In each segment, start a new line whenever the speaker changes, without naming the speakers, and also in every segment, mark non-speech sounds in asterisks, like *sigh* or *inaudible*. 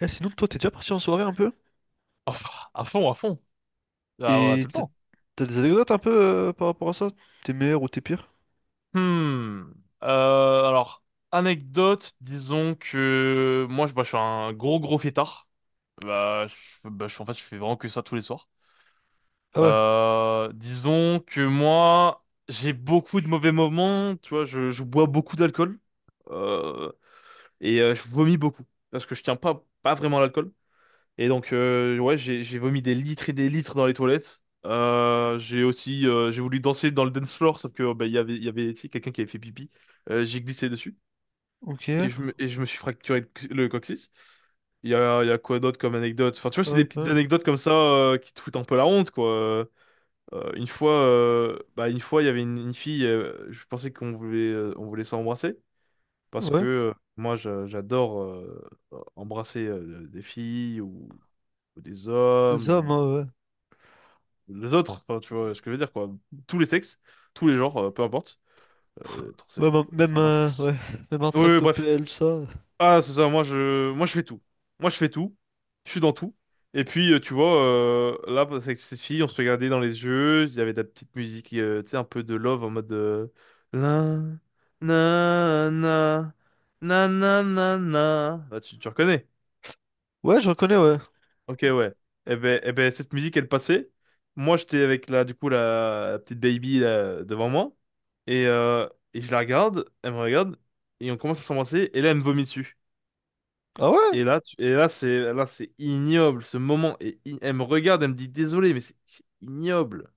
Eh, sinon, toi, t'es déjà parti en soirée un peu?
Oh, à fond, à fond. Ah ouais, tout
Et
le
t'as
temps.
t'as des anecdotes un peu par rapport à ça? T'es meilleur ou t'es pire?
Hmm. Alors, anecdote, disons que moi, je suis un gros, gros fêtard. En fait, je fais vraiment que ça tous les soirs.
Ah ouais,
Disons que moi, j'ai beaucoup de mauvais moments. Tu vois, je bois beaucoup d'alcool. Euh, et je vomis beaucoup. Parce que je tiens pas vraiment à l'alcool. Et donc, ouais, j'ai vomi des litres et des litres dans les toilettes. J'ai aussi, j'ai voulu danser dans le dance floor, sauf que oh, bah, il y avait, tu sais, quelqu'un qui avait fait pipi. J'ai glissé dessus
ok. Ah
et je me suis fracturé le coccyx. Il y a quoi d'autre comme anecdote? Enfin, tu vois, c'est des
ouais, quand
petites
même.
anecdotes comme ça, qui te foutent un peu la honte, quoi. Une fois, il y avait une fille. Je pensais qu'on voulait s'embrasser parce que
Ouais,
moi, j'adore embrasser des filles ou des
des hommes,
hommes
hein, ouais.
les autres, enfin, tu vois ce que je veux dire, quoi. Tous les sexes, tous les genres, peu importe. Euh, trans- euh,
Ouais, bah, même,
enfin, bref.
ouais. *laughs* Même un
Oui, oui, bref.
tractopelle, tout ça.
Ah, c'est ça, moi je fais tout. Moi je fais tout. Je suis dans tout. Et puis, tu vois, là, bah, avec ces filles on se regardait dans les yeux. Il y avait de la petite musique, tu sais, un peu de love en mode. La, na, na, na, na, na, na. Bah, tu reconnais.
Ouais, je reconnais, ouais.
Ok, ouais. Eh ben, cette musique, elle passait. Moi, j'étais avec la petite baby là, devant moi. Et je la regarde, elle me regarde, et on commence à s'embrasser, et là, elle me vomit dessus.
Ah ouais?
Et là, c'est ignoble, ce moment. Elle me regarde, elle me dit, désolé, mais c'est ignoble.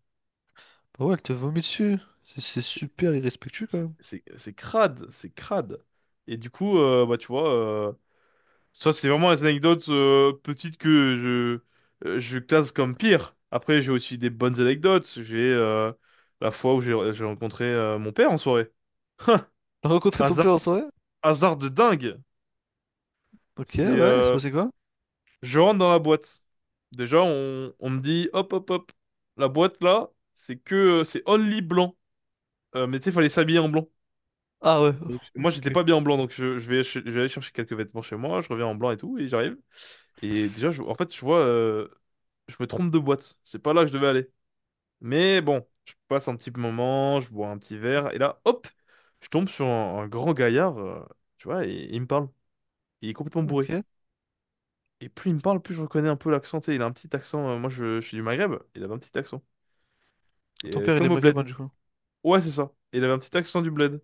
Bah ouais, elle te vomit dessus. C'est
C'est,
super irrespectueux, quand
c'est,
même.
c'est c'est crade, c'est crade. Et du coup, bah, tu vois, ça, c'est vraiment les anecdotes petites que je classe comme pire. Après, j'ai aussi des bonnes anecdotes. J'ai la fois où j'ai rencontré mon père en soirée. Hein.
T'as rencontré ton
Hasard,
père en soirée?
hasard de dingue.
Ok,
C'est,
ouais, il s'est
euh,
passé quoi?
je rentre dans la boîte. Déjà, on me dit, hop, hop, hop. La boîte là, c'est only blanc. Mais tu sais, fallait s'habiller en blanc.
Ah ouais,
Donc,
ok,
moi, j'étais
ok,
pas bien en blanc, donc je vais aller chercher quelques vêtements chez moi. Je reviens en blanc et tout, et j'arrive. Et déjà, en fait, je vois, je me trompe de boîte. C'est pas là que je devais aller. Mais bon, je passe un petit moment, je bois un petit verre, et là, hop, je tombe sur un grand gaillard, tu vois, et il me parle. Il est complètement bourré.
ok.
Et plus il me parle, plus je reconnais un peu l'accent. Tu sais, il a un petit accent. Moi, je suis du Maghreb. Il avait un petit accent. Et,
Ton père, il est
comme au
maghrébin,
bled.
du coup.
Ouais, c'est ça. Il avait un petit accent du bled.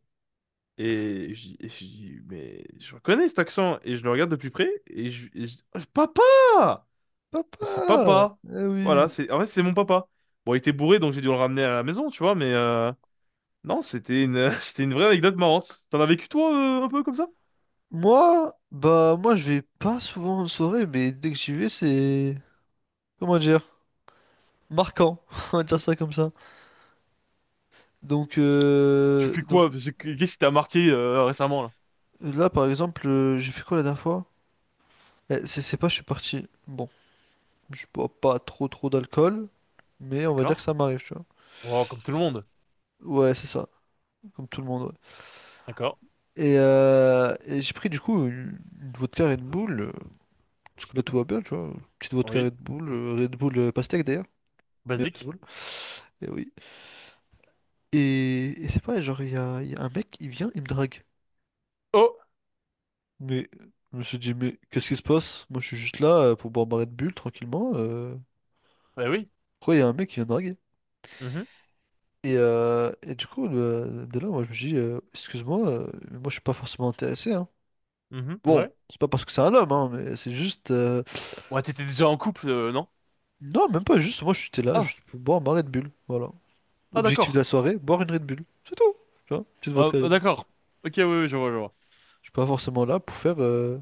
Et je dis, mais je reconnais cet accent. Et je le regarde de plus près. Et je dis, oh, papa! Mais c'est
Papa!
papa.
Eh
Voilà,
oui!
c'est en fait c'est mon papa. Bon, il était bourré donc j'ai dû le ramener à la maison, tu vois, mais non, c'était une *laughs* c'était une vraie anecdote marrante. T'en as vécu toi, un peu comme ça?
Moi, bah moi je vais pas souvent en soirée, mais dès que j'y vais, c'est comment dire, marquant, *laughs* on va dire ça comme ça. Donc
Tu
euh,
fais
donc
quoi? Qu'est-ce qui t'a marqué récemment là?
là par exemple, j'ai fait quoi la dernière fois? Eh, c'est pas, je suis parti. Bon, je bois pas trop trop d'alcool, mais on va dire que
D'accord.
ça m'arrive, tu vois.
Oh, comme tout le monde.
Ouais, c'est ça, comme tout le monde. Ouais.
D'accord.
Et j'ai pris du coup une vodka Red Bull, parce que là tout va bien, tu vois. Petite vodka
Oui.
Red Bull, Red Bull pastèque d'ailleurs, mais Red
Basique.
Bull. Et oui. Et c'est pareil, genre, il y a un mec, il vient, il me drague.
Oh,
Mais je me suis dit, mais qu'est-ce qui se passe? Moi, je suis juste là pour boire ma Red Bull tranquillement.
bah oui.
Pourquoi il y a un mec qui vient me draguer?
Mhm.
Et du coup, de là, moi, je me dis, excuse-moi, mais moi, je suis pas forcément intéressé, hein.
Mhm.
Bon,
Ouais.
c'est pas parce que c'est un homme, hein, mais c'est juste.
Ouais, t'étais déjà en couple, non?
Non, même pas juste, moi, j'étais là,
Ah,
juste pour boire ma Red Bull. Voilà.
ah
Objectif de
d'accord.
la soirée, boire une Red Bull. C'est tout. Tu vois, petite
Ah,
vodka
ah,
Red Bull.
d'accord. Ok, oui, oui, je vois, je vois.
Je suis pas forcément là pour faire.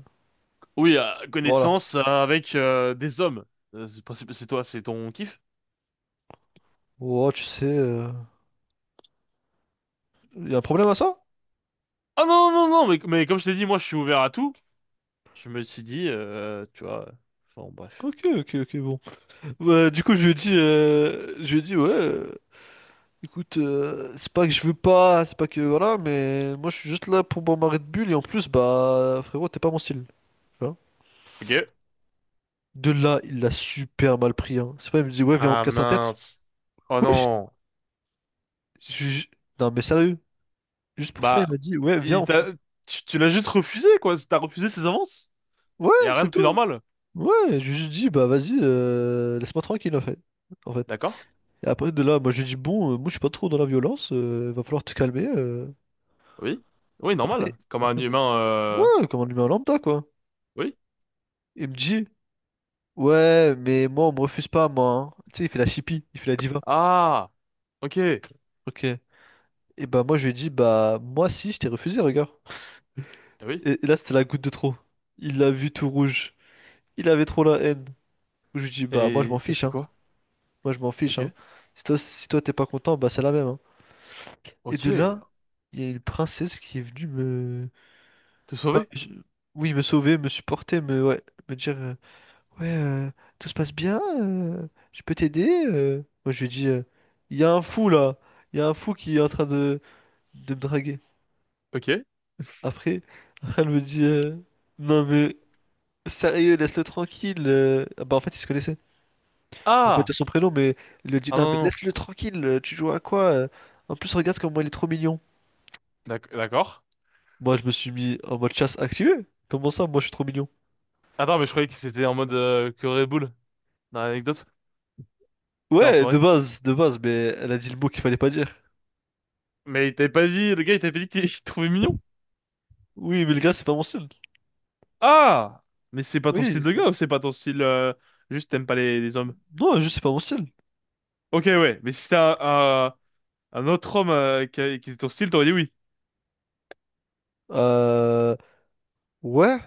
Oui,
Voilà.
connaissance avec des hommes. C'est pas- c'est toi, c'est ton kiff?
Oh, tu sais, il y a un problème à ça?
Ah non, non, non, mais comme je t'ai dit, moi je suis ouvert à tout. Je me suis dit, tu vois, enfin bref.
Ok, ok, ok, bon. Bah, du coup, je lui ai dit, je lui ai dit, ouais, écoute, c'est pas que je veux pas, c'est pas que voilà, mais moi je suis juste là pour bombarder de bulles et en plus, bah frérot, t'es pas mon style. Tu vois.
Ok.
De là, il l'a super mal pris, hein. C'est pas, il me dit, ouais, viens, on
Ah
casse un tête.
mince. Oh
Ouais,
non.
je- non, mais sérieux, juste pour ça, il m'a
Bah,
dit, ouais, viens,
il
on fait-
t'a, tu l'as juste refusé, quoi. T'as refusé ses avances.
Ouais,
Y a rien
c'est
de plus
tout.
normal.
Ouais, je lui ai dit, bah vas-y, laisse-moi tranquille, en fait. En fait.
D'accord?
Et après, de là, moi j'ai dit, bon, moi je suis pas trop dans la violence, va falloir te calmer.
Oui. Oui,
Après.
normal. Comme un
Après,
humain.
ouais, comme un humain lambda, quoi.
Oui.
Il me dit, ouais, mais moi, on me refuse pas, moi, hein. Tu sais, il fait la chippie, il fait la diva.
Ah, ok.
Ok. Et bah, moi, je lui ai dit, bah, moi, si, je t'ai refusé, regarde.
Oui.
Et là, c'était la goutte de trop. Il l'a vu tout rouge. Il avait trop la haine. Je lui ai dit, bah, moi, je
Et
m'en
t'as
fiche,
fait
hein.
quoi?
Moi, je m'en fiche,
Ok.
hein. Si toi, si toi, t'es pas content, bah, c'est la même, hein. Et
Ok.
de là, il y a une princesse qui est venue me.
Te
pas-
sauver?
je- Oui, me sauver, me supporter, me. Ouais, me dire. Ouais, tout se passe bien, je peux t'aider. Moi, je lui ai dit, il y a un fou là, il y a un fou qui est en train de me draguer.
Ok.
Après, *laughs* elle me dit, non mais sérieux, laisse-le tranquille. Ah bah, en fait, il se connaissait. Je vais pas
Ah!
dire son prénom, mais il lui dit,
Ah
non
non,
mais
non. Non.
laisse-le tranquille, tu joues à quoi? En plus, regarde comment il est trop mignon.
D'accord.
Moi, je me suis mis en mode chasse activée. Comment ça, moi, je suis trop mignon?
Attends, mais je croyais que c'était en mode que Red Bull, dans l'anecdote. T'es en
Ouais, de
soirée.
base, de base, mais elle a dit le mot qu'il fallait pas dire.
Mais il t'avait pas dit, le gars, il t'avait pas dit qu'il *laughs* qu'il te trouvait mignon?
Oui, mais le gars, c'est pas mon style.
Ah! Mais c'est pas ton
Oui,
style de gars ou c'est pas ton style, juste t'aimes pas les hommes?
non, juste c'est pas mon style.
Ok, ouais. Mais si c'était un autre homme, qui était ton style, t'aurais dit oui.
Euh... Ouais,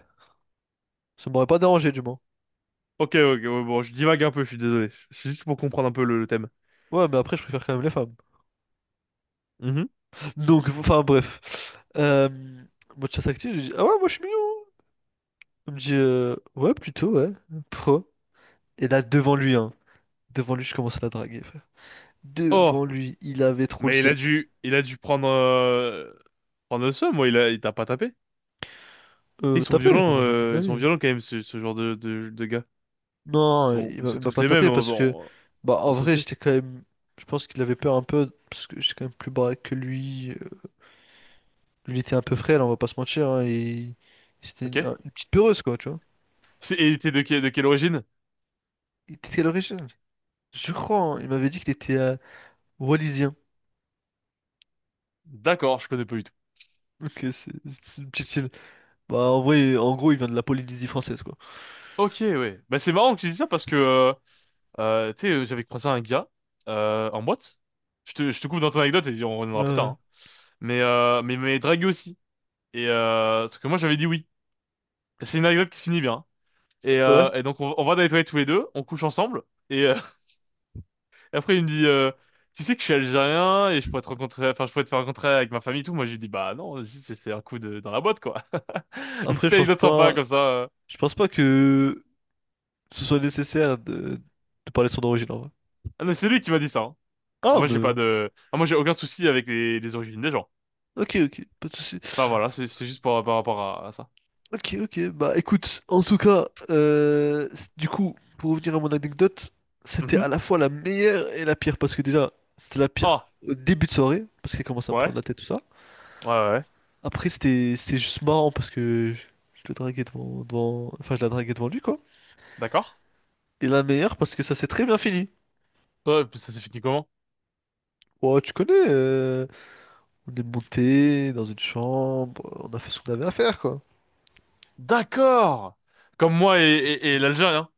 ça m'aurait pas dérangé du moins.
Ok, ok, ouais, bon, je divague un peu, je suis désolé. C'est juste pour comprendre un peu le thème.
Ouais, mais après, je préfère quand même les femmes.
Mhm.
*laughs* Donc, enfin, bref. Euh... Mode chasse active, je dis, ah ouais, moi je suis mignon. Il me dit, ouais, plutôt, ouais. Pro. Et là, devant lui, hein. Devant lui, je commence à la draguer, frère.
Oh!
Devant lui, il avait trop le
Mais il a
seum.
dû, il a dû prendre le seum, moi, il t'a pas tapé. Tu sais,
Tapé? Non, jamais de la
ils sont
vie.
violents quand même, ce genre de gars.
Non, il m'a
C'est
il m'a
tous
pas
les mêmes,
tapé
on,
parce que,
on,
bah, en
on se
vrai,
sait.
j'étais quand même. Je pense qu'il avait peur un peu parce que j'étais quand même plus baraque que lui. Lui, il était un peu frêle, on va pas se mentir, hein, et c'était une,
Ok?
une petite peureuse, quoi, tu vois.
Et t'es de quelle origine?
Il était de quelle origine? Je crois, hein, il m'avait dit qu'il était wallisien.
D'accord, je connais pas du tout.
Ok, c'est une petite île. Bah, en vrai, en gros, il vient de la Polynésie française, quoi.
Ok, ouais. Bah c'est marrant que tu dis ça parce que tu sais, j'avais croisé un gars en boîte. Je te coupe dans ton anecdote et on reviendra plus tard,
Euh,
hein. Mais il m'avait dragué aussi. Et parce que moi j'avais dit oui. C'est une anecdote qui se finit bien. Et,
ouais.
euh, et donc on va dans les toilettes tous les deux, on couche ensemble. Et*laughs* et après il me dit, tu sais que je suis algérien et je pourrais te rencontrer, enfin je pourrais te faire rencontrer avec ma famille et tout. Moi je lui dis bah non, juste c'est un coup de dans la boîte quoi. *laughs* Une
Après,
petite
je pense
anecdote sympa
pas,
comme ça.
je pense pas que ce soit nécessaire de parler de son origine, en vrai.
Ah non, c'est lui qui m'a dit ça, hein.
Ah,
Moi, j'ai
mais...
pas de, ah, moi, j'ai aucun souci avec les origines des gens.
Ok, ok, pas de souci.
Enfin, voilà, c'est juste par rapport à ça.
Ok, ok, bah écoute, en tout cas, du coup, pour revenir à mon anecdote, c'était
Mhm.
à la fois la meilleure et la pire, parce que déjà, c'était la pire
Ah,
au début de soirée, parce qu'il commence à me
ouais,
prendre la tête, tout ça.
ouais, ouais, ouais.
Après, c'était juste marrant parce que je le draguais devant, enfin, je la draguais devant lui, quoi.
D'accord.
Et la meilleure parce que ça s'est très bien fini.
Ouais, puis ça s'est fini comment?
Ouais, tu connais, on est monté dans une chambre, on a fait ce qu'on avait à faire, quoi.
D'accord! Comme moi et l'Algérien.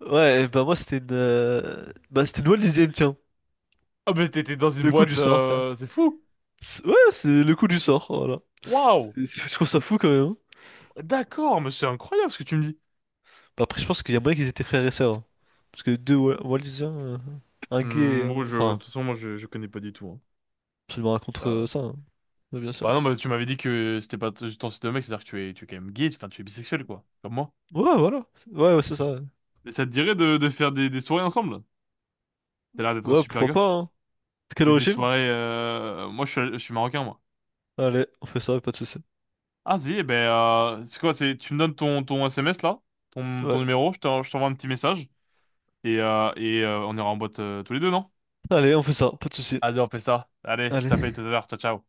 Ouais, bah moi, c'était une... bah, c'était une bonne tiens.
Ah, mais t'étais dans une
Le coup du
boîte,
sort, frère.
c'est fou!
Ouais, c'est le coup du sort, voilà.
Waouh!
Je trouve ça fou, quand même, hein.
D'accord, mais c'est incroyable ce que tu me dis.
Bah, après, je pense qu'il y a moyen qu'ils étaient frères et sœurs, hein. Parce que deux Wallisiens, un gay, et
Hmm, bon, de
enfin,
toute façon, moi, je connais pas du tout, hein.
absolument rien contre
Ça-
ça, hein. Ouais, bien sûr.
Bah non, bah tu m'avais dit que c'était pas ton style de mec, c'est-à-dire que tu es quand même gay, enfin, tu es bisexuel, quoi. Comme moi.
Ouais, voilà. Ouais, ouais, c'est ça.
Mais ça te dirait de faire des soirées ensemble? T'as l'air d'être un
Ouais,
super
pourquoi
gars.
pas, hein. Quelle
C'est des
origine?
soirées. Moi, je suis marocain, moi.
Allez, on fait ça, pas de souci.
Ah, si, eh ben, c'est quoi? C'est, tu me donnes ton SMS là, ton
Ouais.
numéro, je t'envoie un petit message et on ira en boîte tous les deux, non?
Allez, on fait ça, pas de souci.
Allez, on fait ça. Allez, je t'appelle tout
Allez.
à l'heure. Ciao, ciao.